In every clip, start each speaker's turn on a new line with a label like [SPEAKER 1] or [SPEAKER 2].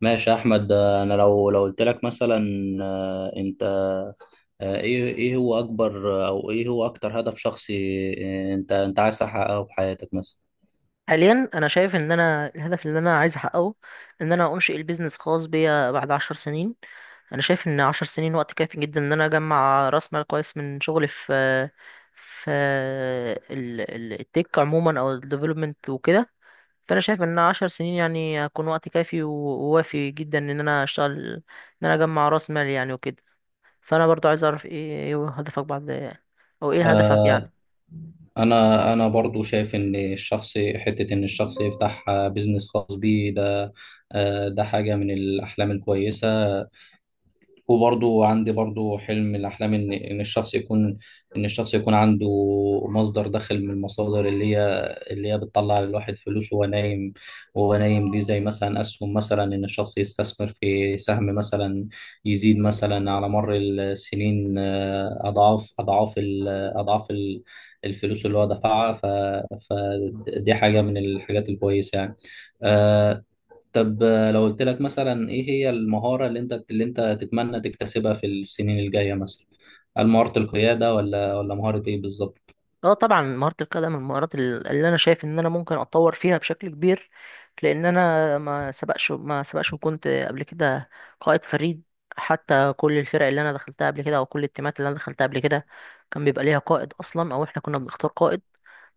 [SPEAKER 1] ماشي يا احمد، انا لو قلت لك مثلا، انت، ايه هو اكبر او ايه هو اكتر هدف شخصي انت عايز تحققه في حياتك مثلا؟
[SPEAKER 2] حاليا انا شايف ان انا الهدف اللي انا عايز احققه ان انا انشئ البيزنس خاص بيا بعد 10 سنين. انا شايف ان 10 سنين وقت كافي جدا ان انا اجمع راس مال كويس من شغلي في التك عموما او الديفلوبمنت وكده. فانا شايف ان 10 سنين يعني هيكون وقت كافي و- ووافي جدا ان انا اشتغل ان انا اجمع راس مال يعني وكده. فانا برضو عايز اعرف إيه هدفك بعد، او ايه هدفك
[SPEAKER 1] آه،
[SPEAKER 2] يعني؟
[SPEAKER 1] انا برضو شايف ان الشخص حته ان الشخص يفتح بيزنس خاص بيه ده، ده حاجه من الاحلام الكويسه. وبرضو عندي برضو حلم من الأحلام إن الشخص يكون، إن الشخص يكون عنده مصدر دخل من المصادر اللي هي بتطلع للواحد فلوس وهو نايم. دي زي مثلا أسهم، مثلا إن الشخص يستثمر في سهم مثلا يزيد مثلا على مر السنين، أضعاف الفلوس اللي هو دفعها. فدي حاجة من الحاجات الكويسة يعني. آه، طب لو قلت لك مثلا، ايه هي المهارة اللي انت تتمنى تكتسبها في السنين الجاية مثلا؟ هل مهارة القيادة ولا مهارة ايه بالظبط؟
[SPEAKER 2] اه طبعا مهارة القيادة من المهارات اللي انا شايف ان انا ممكن اتطور فيها بشكل كبير. لان انا ما سبقش وكنت قبل كده قائد فريد. حتى كل الفرق اللي انا دخلتها قبل كده او كل التيمات اللي انا دخلتها قبل كده كان بيبقى ليها قائد اصلا، او احنا كنا بنختار قائد.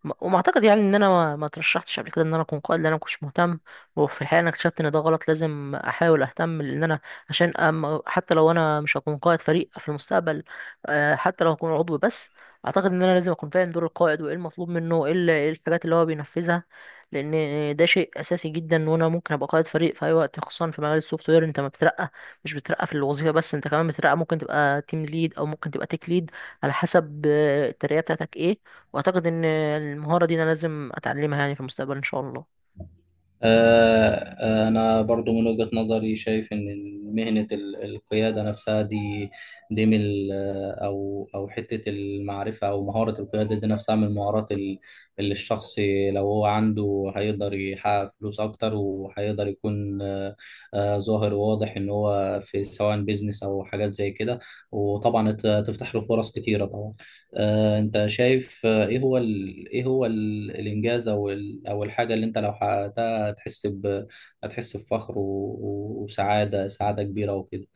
[SPEAKER 2] وما اعتقد يعني ان انا ما ترشحتش قبل كده ان انا اكون قائد لان انا ما كنتش مهتم. وفي الحقيقه انا اكتشفت ان ده غلط، لازم احاول اهتم لان انا عشان حتى لو انا مش هكون قائد فريق في المستقبل، حتى لو هكون عضو بس، اعتقد ان انا لازم اكون فاهم دور القائد وايه المطلوب منه، ايه إيه الحاجات اللي هو بينفذها. لان ده شيء اساسي جدا، وانا ممكن ابقى قائد فريق في اي وقت. خصوصا في مجال السوفت وير، انت ما بترقى مش بترقى في الوظيفه بس، انت كمان بترقى. ممكن تبقى تيم ليد او ممكن تبقى تيك ليد على حسب الترقيه بتاعتك ايه. واعتقد ان المهاره دي انا لازم اتعلمها يعني في المستقبل ان شاء الله.
[SPEAKER 1] آه، أنا برضو من وجهة نظري شايف إن مهنة القيادة نفسها دي من أو حتة المعرفة، أو مهارة القيادة دي نفسها من المهارات اللي الشخص لو هو عنده هيقدر يحقق فلوس أكتر، وهيقدر يكون ظاهر وواضح إن هو في سواء بيزنس أو حاجات زي كده، وطبعا تفتح له فرص كتيرة طبعا. أنت شايف إيه هو الإنجاز أو أو الحاجة اللي أنت لو حققتها هتحس هتحس بفخر وسعادة كبيرة وكده؟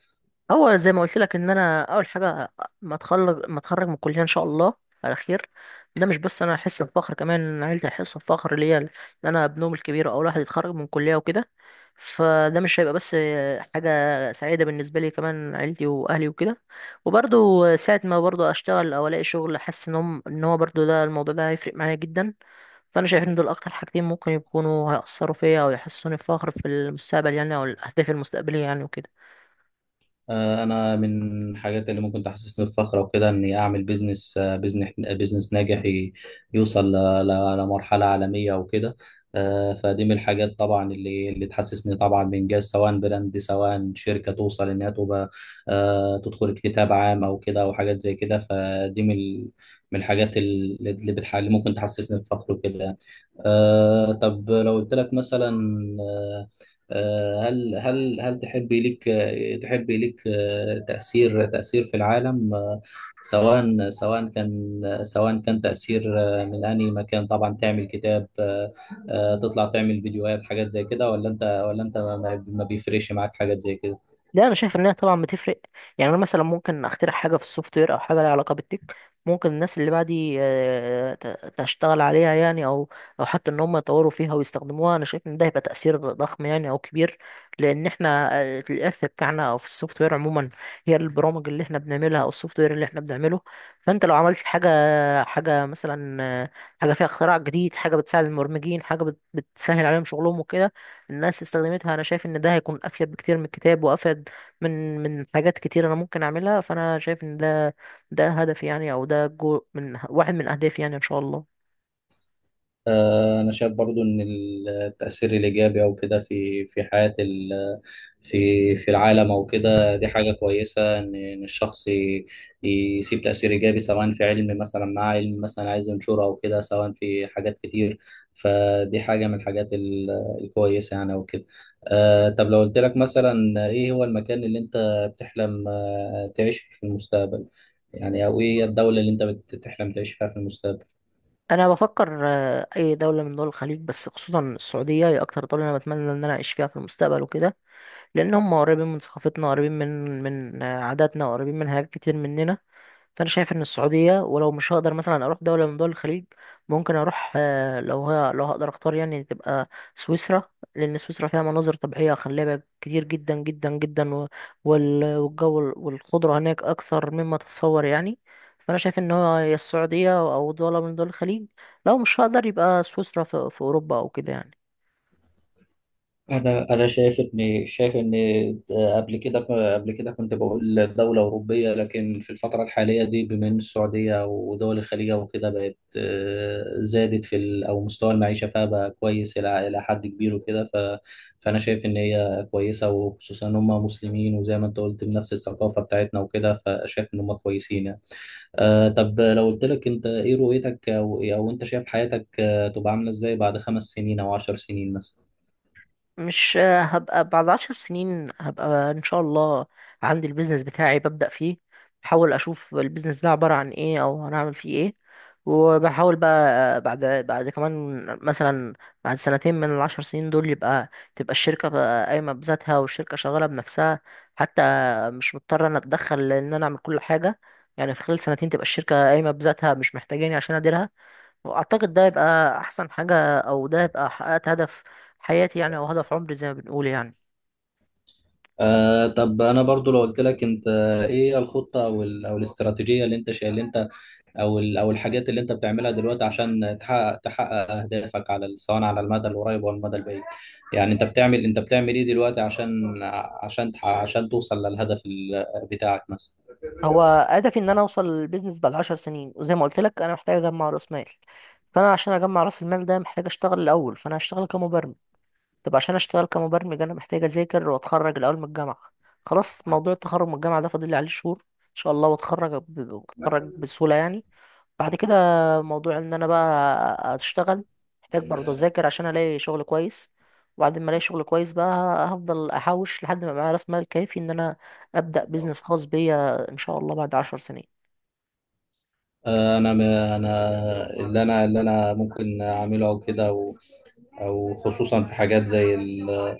[SPEAKER 2] هو زي ما قلت لك، ان انا اول حاجه ما اتخرج من الكليه ان شاء الله على خير، ده مش بس انا احس بفخر، كمان إن عيلتي هيحسوا بفخر ليا ان انا ابنهم الكبير اول واحد يتخرج من الكليه وكده. فده مش هيبقى بس حاجه سعيده بالنسبه لي، كمان عيلتي واهلي وكده. وبرضه ساعه ما برضه اشتغل او الاقي شغل، حاسس ان هم ان هو برضه ده، الموضوع ده هيفرق معايا جدا. فانا شايف ان دول اكتر حاجتين ممكن يكونوا هيأثروا فيا او يحسسوني بفخر في المستقبل يعني، او الاهداف المستقبليه يعني وكده.
[SPEAKER 1] انا من الحاجات اللي ممكن تحسسني بفخر وكده اني اعمل بيزنس ناجح، يوصل لمرحله عالميه وكده. فدي من الحاجات طبعا اللي تحسسني طبعا بانجاز، سواء براند سواء شركه توصل انها تبقى، تدخل اكتتاب عام او كده، او حاجات زي كده. فدي من الحاجات اللي ممكن تحسسني بفخر وكده يعني. طب لو قلت لك مثلا، آه، هل تحبي لك تأثير في العالم، سواء سواء كان سواء كان تأثير من أي مكان؟ طبعا تعمل كتاب، تطلع تعمل فيديوهات، حاجات زي كده، ولا أنت ما بيفرقش معاك حاجات زي كده؟
[SPEAKER 2] لا انا شايف انها طبعا بتفرق. يعني انا مثلا ممكن اخترع حاجه في السوفت وير او حاجه لها علاقه بالتك، ممكن الناس اللي بعدي تشتغل عليها يعني، او او حتى ان هم يطوروا فيها ويستخدموها. انا شايف ان ده هيبقى تاثير ضخم يعني او كبير، لان احنا الارث بتاعنا او في السوفت وير عموما هي البرامج اللي احنا بنعملها او السوفت وير اللي احنا بنعمله. فانت لو عملت حاجه مثلا حاجه فيها اختراع جديد، حاجه بتساعد المبرمجين، حاجه بتسهل عليهم شغلهم وكده، الناس استخدمتها، انا شايف ان ده هيكون افيد بكتير من الكتاب وافيد من حاجات كتير انا ممكن اعملها. فانا شايف ان ده هدف يعني، او ده جو من واحد من اهدافي يعني ان شاء الله.
[SPEAKER 1] أنا شايف برضو إن التأثير الإيجابي أو كده في في حياة ال في في العالم أو كده، دي حاجة كويسة إن الشخص يسيب تأثير إيجابي، سواء في علم مثلا، مع علم مثلا عايز ينشره أو كده، سواء في حاجات كتير. فدي حاجة من الحاجات الكويسة يعني أو كده. طب لو قلت لك مثلا، إيه هو المكان اللي أنت بتحلم تعيش فيه في المستقبل يعني؟ أو إيه هي الدولة اللي أنت بتحلم تعيش فيها في المستقبل؟
[SPEAKER 2] انا بفكر اي دوله من دول الخليج، بس خصوصا السعوديه هي اكتر دوله انا بتمنى ان انا اعيش فيها في المستقبل وكده. لان هم قريبين من ثقافتنا، قريبين من من عاداتنا، قريبين من حاجات كتير مننا. فانا شايف ان السعوديه، ولو مش هقدر مثلا اروح دوله من دول الخليج، ممكن اروح لو هي لو هقدر اختار يعني، تبقى سويسرا. لان سويسرا فيها مناظر طبيعيه خلابه كتير جدا جدا جدا، والجو والخضره هناك اكثر مما تتصور يعني. فانا شايف ان هو يا السعوديه او دوله من دول الخليج، لو مش هقدر يبقى سويسرا في اوروبا او كده يعني.
[SPEAKER 1] انا شايف ان قبل كده قبل كده كنت بقول دوله اوروبيه، لكن في الفتره الحاليه دي، بما ان السعوديه ودول الخليج وكده بقت، زادت او مستوى المعيشه فيها بقى كويس الى حد كبير وكده. فانا شايف ان هي كويسه، وخصوصا ان هم مسلمين وزي ما انت قلت بنفس الثقافه بتاعتنا وكده، فشايف ان هم كويسين يعني. طب لو قلت لك انت، ايه رؤيتك، او انت شايف حياتك تبقى عامله ازاي بعد 5 سنين او 10 سنين مثلا؟
[SPEAKER 2] مش هبقى بعد 10 سنين. هبقى ان شاء الله عندي البيزنس بتاعي، ببدأ فيه، بحاول اشوف البيزنس ده عبارة عن ايه او هنعمل فيه ايه. وبحاول بقى بعد كمان مثلا بعد سنتين من ال10 سنين دول، يبقى تبقى الشركة بقى قايمة بذاتها، والشركة شغالة بنفسها، حتى مش مضطر انا اتدخل ان انا اعمل كل حاجة. يعني في خلال سنتين تبقى الشركة قايمة بذاتها، مش محتاجاني عشان اديرها. واعتقد ده يبقى احسن حاجه، او ده يبقى حققت هدف حياتي يعني، او هدف عمري زي ما بنقول يعني.
[SPEAKER 1] طب انا برضو لو قلت لك انت، ايه الخطه او الاستراتيجيه اللي انت شايل اللي انت او ال- او الحاجات اللي انت بتعملها دلوقتي عشان تحقق اهدافك، سواء على المدى القريب او المدى البعيد؟ يعني انت بتعمل ايه دلوقتي عشان عشان توصل للهدف بتاعك مثلا؟
[SPEAKER 2] هو هدفي ان انا اوصل للبيزنس بعد 10 سنين، وزي ما قلت لك انا محتاج اجمع راس مال. فانا عشان اجمع راس المال ده محتاج اشتغل الاول، فانا هشتغل كمبرمج. طب عشان اشتغل كمبرمج انا محتاج اذاكر واتخرج الاول من الجامعه. خلاص موضوع التخرج من الجامعه ده فاضل لي عليه شهور ان شاء الله، واتخرج اتخرج بسهوله يعني. بعد كده موضوع ان انا بقى اشتغل، محتاج برضه اذاكر عشان الاقي شغل كويس. وبعد ما الاقي شغل كويس بقى، هفضل احوش لحد ما معايا راس مال كافي ان انا ابدا بيزنس خاص بيا ان شاء الله بعد 10 سنين.
[SPEAKER 1] انا م- انا اللي انا اللي انا ممكن اعمله او كده، او خصوصا في حاجات زي ال-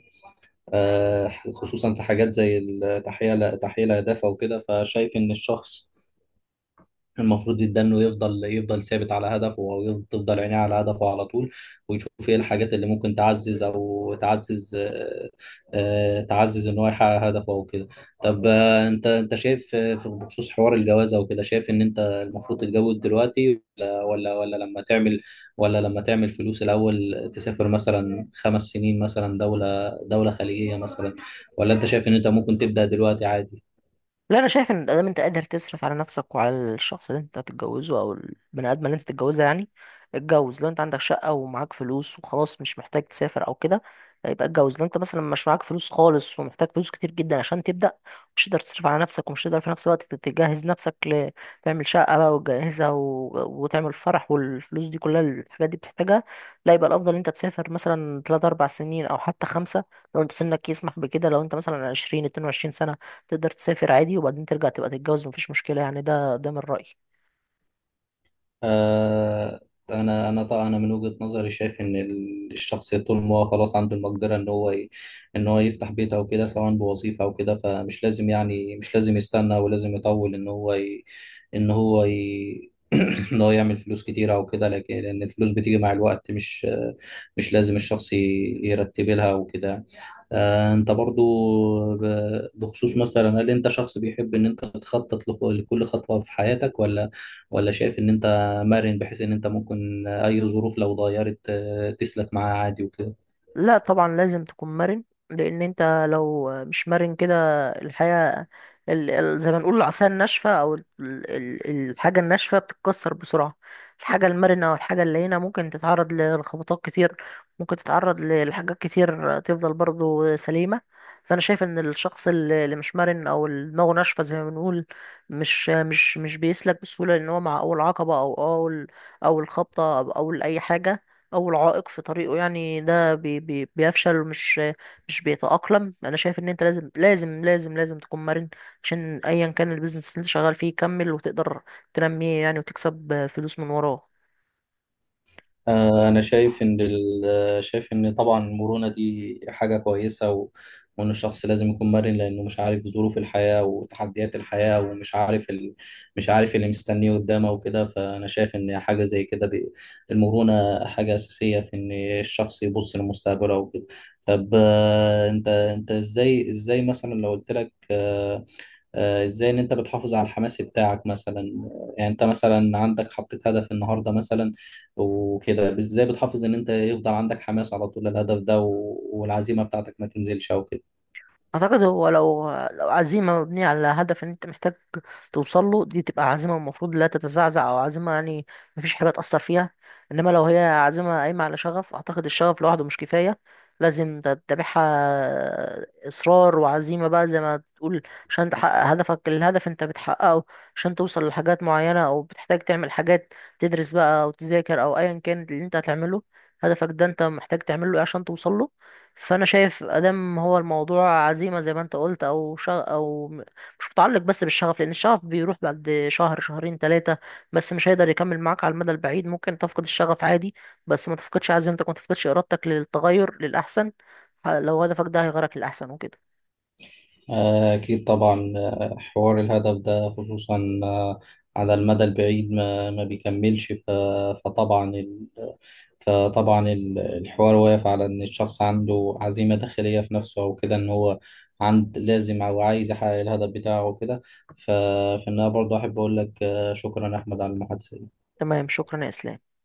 [SPEAKER 1] آه، خصوصا في حاجات زي تحقيق الاهداف او كده. فشايف ان الشخص المفروض جدا انه يفضل ثابت على هدفه، او تفضل عينيه على هدفه على طول، ويشوف ايه الحاجات اللي ممكن تعزز او تعزز آه، آه، تعزز ان هو يحقق هدفه او كده. طب انت شايف بخصوص حوار الجواز او كده، شايف ان انت المفروض تتجوز دلوقتي، ولا لما تعمل فلوس الاول، تسافر مثلا 5 سنين مثلا دولة خليجية مثلا، ولا انت شايف ان انت ممكن تبدأ دلوقتي عادي؟
[SPEAKER 2] لا انا شايف ان دام انت قادر تصرف على نفسك وعلى الشخص اللي انت هتتجوزه او البني ادم اللي انت هتتجوزها يعني، اتجوز. لو انت عندك شقه ومعاك فلوس وخلاص، مش محتاج تسافر او كده، يبقى اتجوز. لو انت مثلا مش معاك فلوس خالص، ومحتاج فلوس كتير جدا عشان تبدا، مش تقدر تصرف على نفسك، ومش تقدر في نفس الوقت تجهز نفسك، تعمل شقه بقى وتجهزها، و... وتعمل فرح، والفلوس دي كلها، الحاجات دي بتحتاجها، لا يبقى الافضل ان انت تسافر مثلا 3 4 سنين او حتى 5. لو انت سنك يسمح بكده، لو انت مثلا 20 22 سنه، تقدر تسافر عادي وبعدين ترجع تبقى تتجوز، مفيش مشكلة يعني. ده من رأيي.
[SPEAKER 1] آه، انا طبعا من وجهة نظري شايف ان الشخص طول ما هو خلاص عنده المقدره ان هو ان هو يفتح بيت او كده، سواء بوظيفه او كده، فمش لازم يعني، مش لازم يستنى ولازم يطول ان هو ي... ان هو يعمل فلوس كتير او كده، لكن لان الفلوس بتيجي مع الوقت، مش لازم الشخص يرتب لها وكده. انت برضو بخصوص مثلا، هل انت شخص بيحب ان انت تخطط لكل خطوة في حياتك، ولا ولا شايف ان انت مرن، بحيث ان انت ممكن اي ظروف لو اتغيرت تسلك معاها عادي وكده؟
[SPEAKER 2] لا طبعا لازم تكون مرن، لان انت لو مش مرن كده، الحياة زي ما نقول العصاية الناشفة او الحاجة الناشفة بتتكسر بسرعة. الحاجة المرنة او الحاجة اللينة ممكن تتعرض لخبطات كتير، ممكن تتعرض لحاجات كتير، تفضل برضو سليمة. فانا شايف ان الشخص اللي اللي مش مرن، او اللي دماغه ناشفة زي ما بنقول، مش بيسلك بسهولة، لان هو مع اول عقبة، او اول اول خبطة، او اول اي حاجة، أول عائق في طريقه يعني، ده بي بي بيفشل، ومش مش بيتأقلم. أنا شايف إن أنت لازم لازم لازم لازم تكون مرن، عشان أيا كان البيزنس اللي أنت شغال فيه يكمل، وتقدر تنميه يعني، وتكسب فلوس من وراه.
[SPEAKER 1] أنا شايف إن طبعا المرونة دي حاجة كويسة وإن الشخص لازم يكون مرن، لأنه مش عارف ظروف الحياة وتحديات الحياة، ومش عارف مش عارف اللي مستنيه قدامه وكده. فأنا شايف إن حاجة زي كده المرونة حاجة أساسية في إن الشخص يبص لمستقبله وكده. طب أنت إزاي مثلا لو قلت لك، ازاي ان انت بتحافظ على الحماس بتاعك مثلا؟ يعني انت مثلا عندك حطيت هدف النهارده مثلا وكده، ازاي بتحافظ ان انت يفضل عندك حماس على طول الهدف ده والعزيمه بتاعتك ما تنزلش او كده؟
[SPEAKER 2] اعتقد هو لو عزيمه مبنيه على هدف ان انت محتاج توصل له، دي تبقى عزيمه المفروض لا تتزعزع، او عزيمه يعني مفيش حاجه تاثر فيها. انما لو هي عزيمه قايمه على شغف، اعتقد الشغف لوحده مش كفايه، لازم تتبعها اصرار وعزيمه بقى زي ما تقول عشان تحقق هدفك. الهدف انت بتحققه عشان توصل لحاجات معينه، او بتحتاج تعمل حاجات، تدرس بقى او تذاكر او ايا كان اللي انت هتعمله، هدفك ده انت محتاج تعمله ايه عشان توصل له. فانا شايف ادم هو الموضوع عزيمه زي ما انت قلت، او شغ... او م- مش متعلق بس بالشغف، لان الشغف بيروح بعد شهر شهرين ثلاثه، بس مش هيقدر يكمل معاك على المدى البعيد. ممكن تفقد الشغف عادي، بس ما تفقدش عزيمتك، ما تفقدش ارادتك للتغير للاحسن، لو هدفك ده هيغيرك للاحسن وكده.
[SPEAKER 1] اكيد طبعا، حوار الهدف ده خصوصا على المدى البعيد ما بيكملش. فطبعا فطبعا الحوار واقف على إن الشخص عنده عزيمة داخلية في نفسه أو كده، إن هو لازم أو عايز يحقق الهدف بتاعه وكده. ف- فإن أنا برضه أحب أقول لك شكرا يا أحمد على المحادثة.
[SPEAKER 2] تمام، شكرا يا اسلام.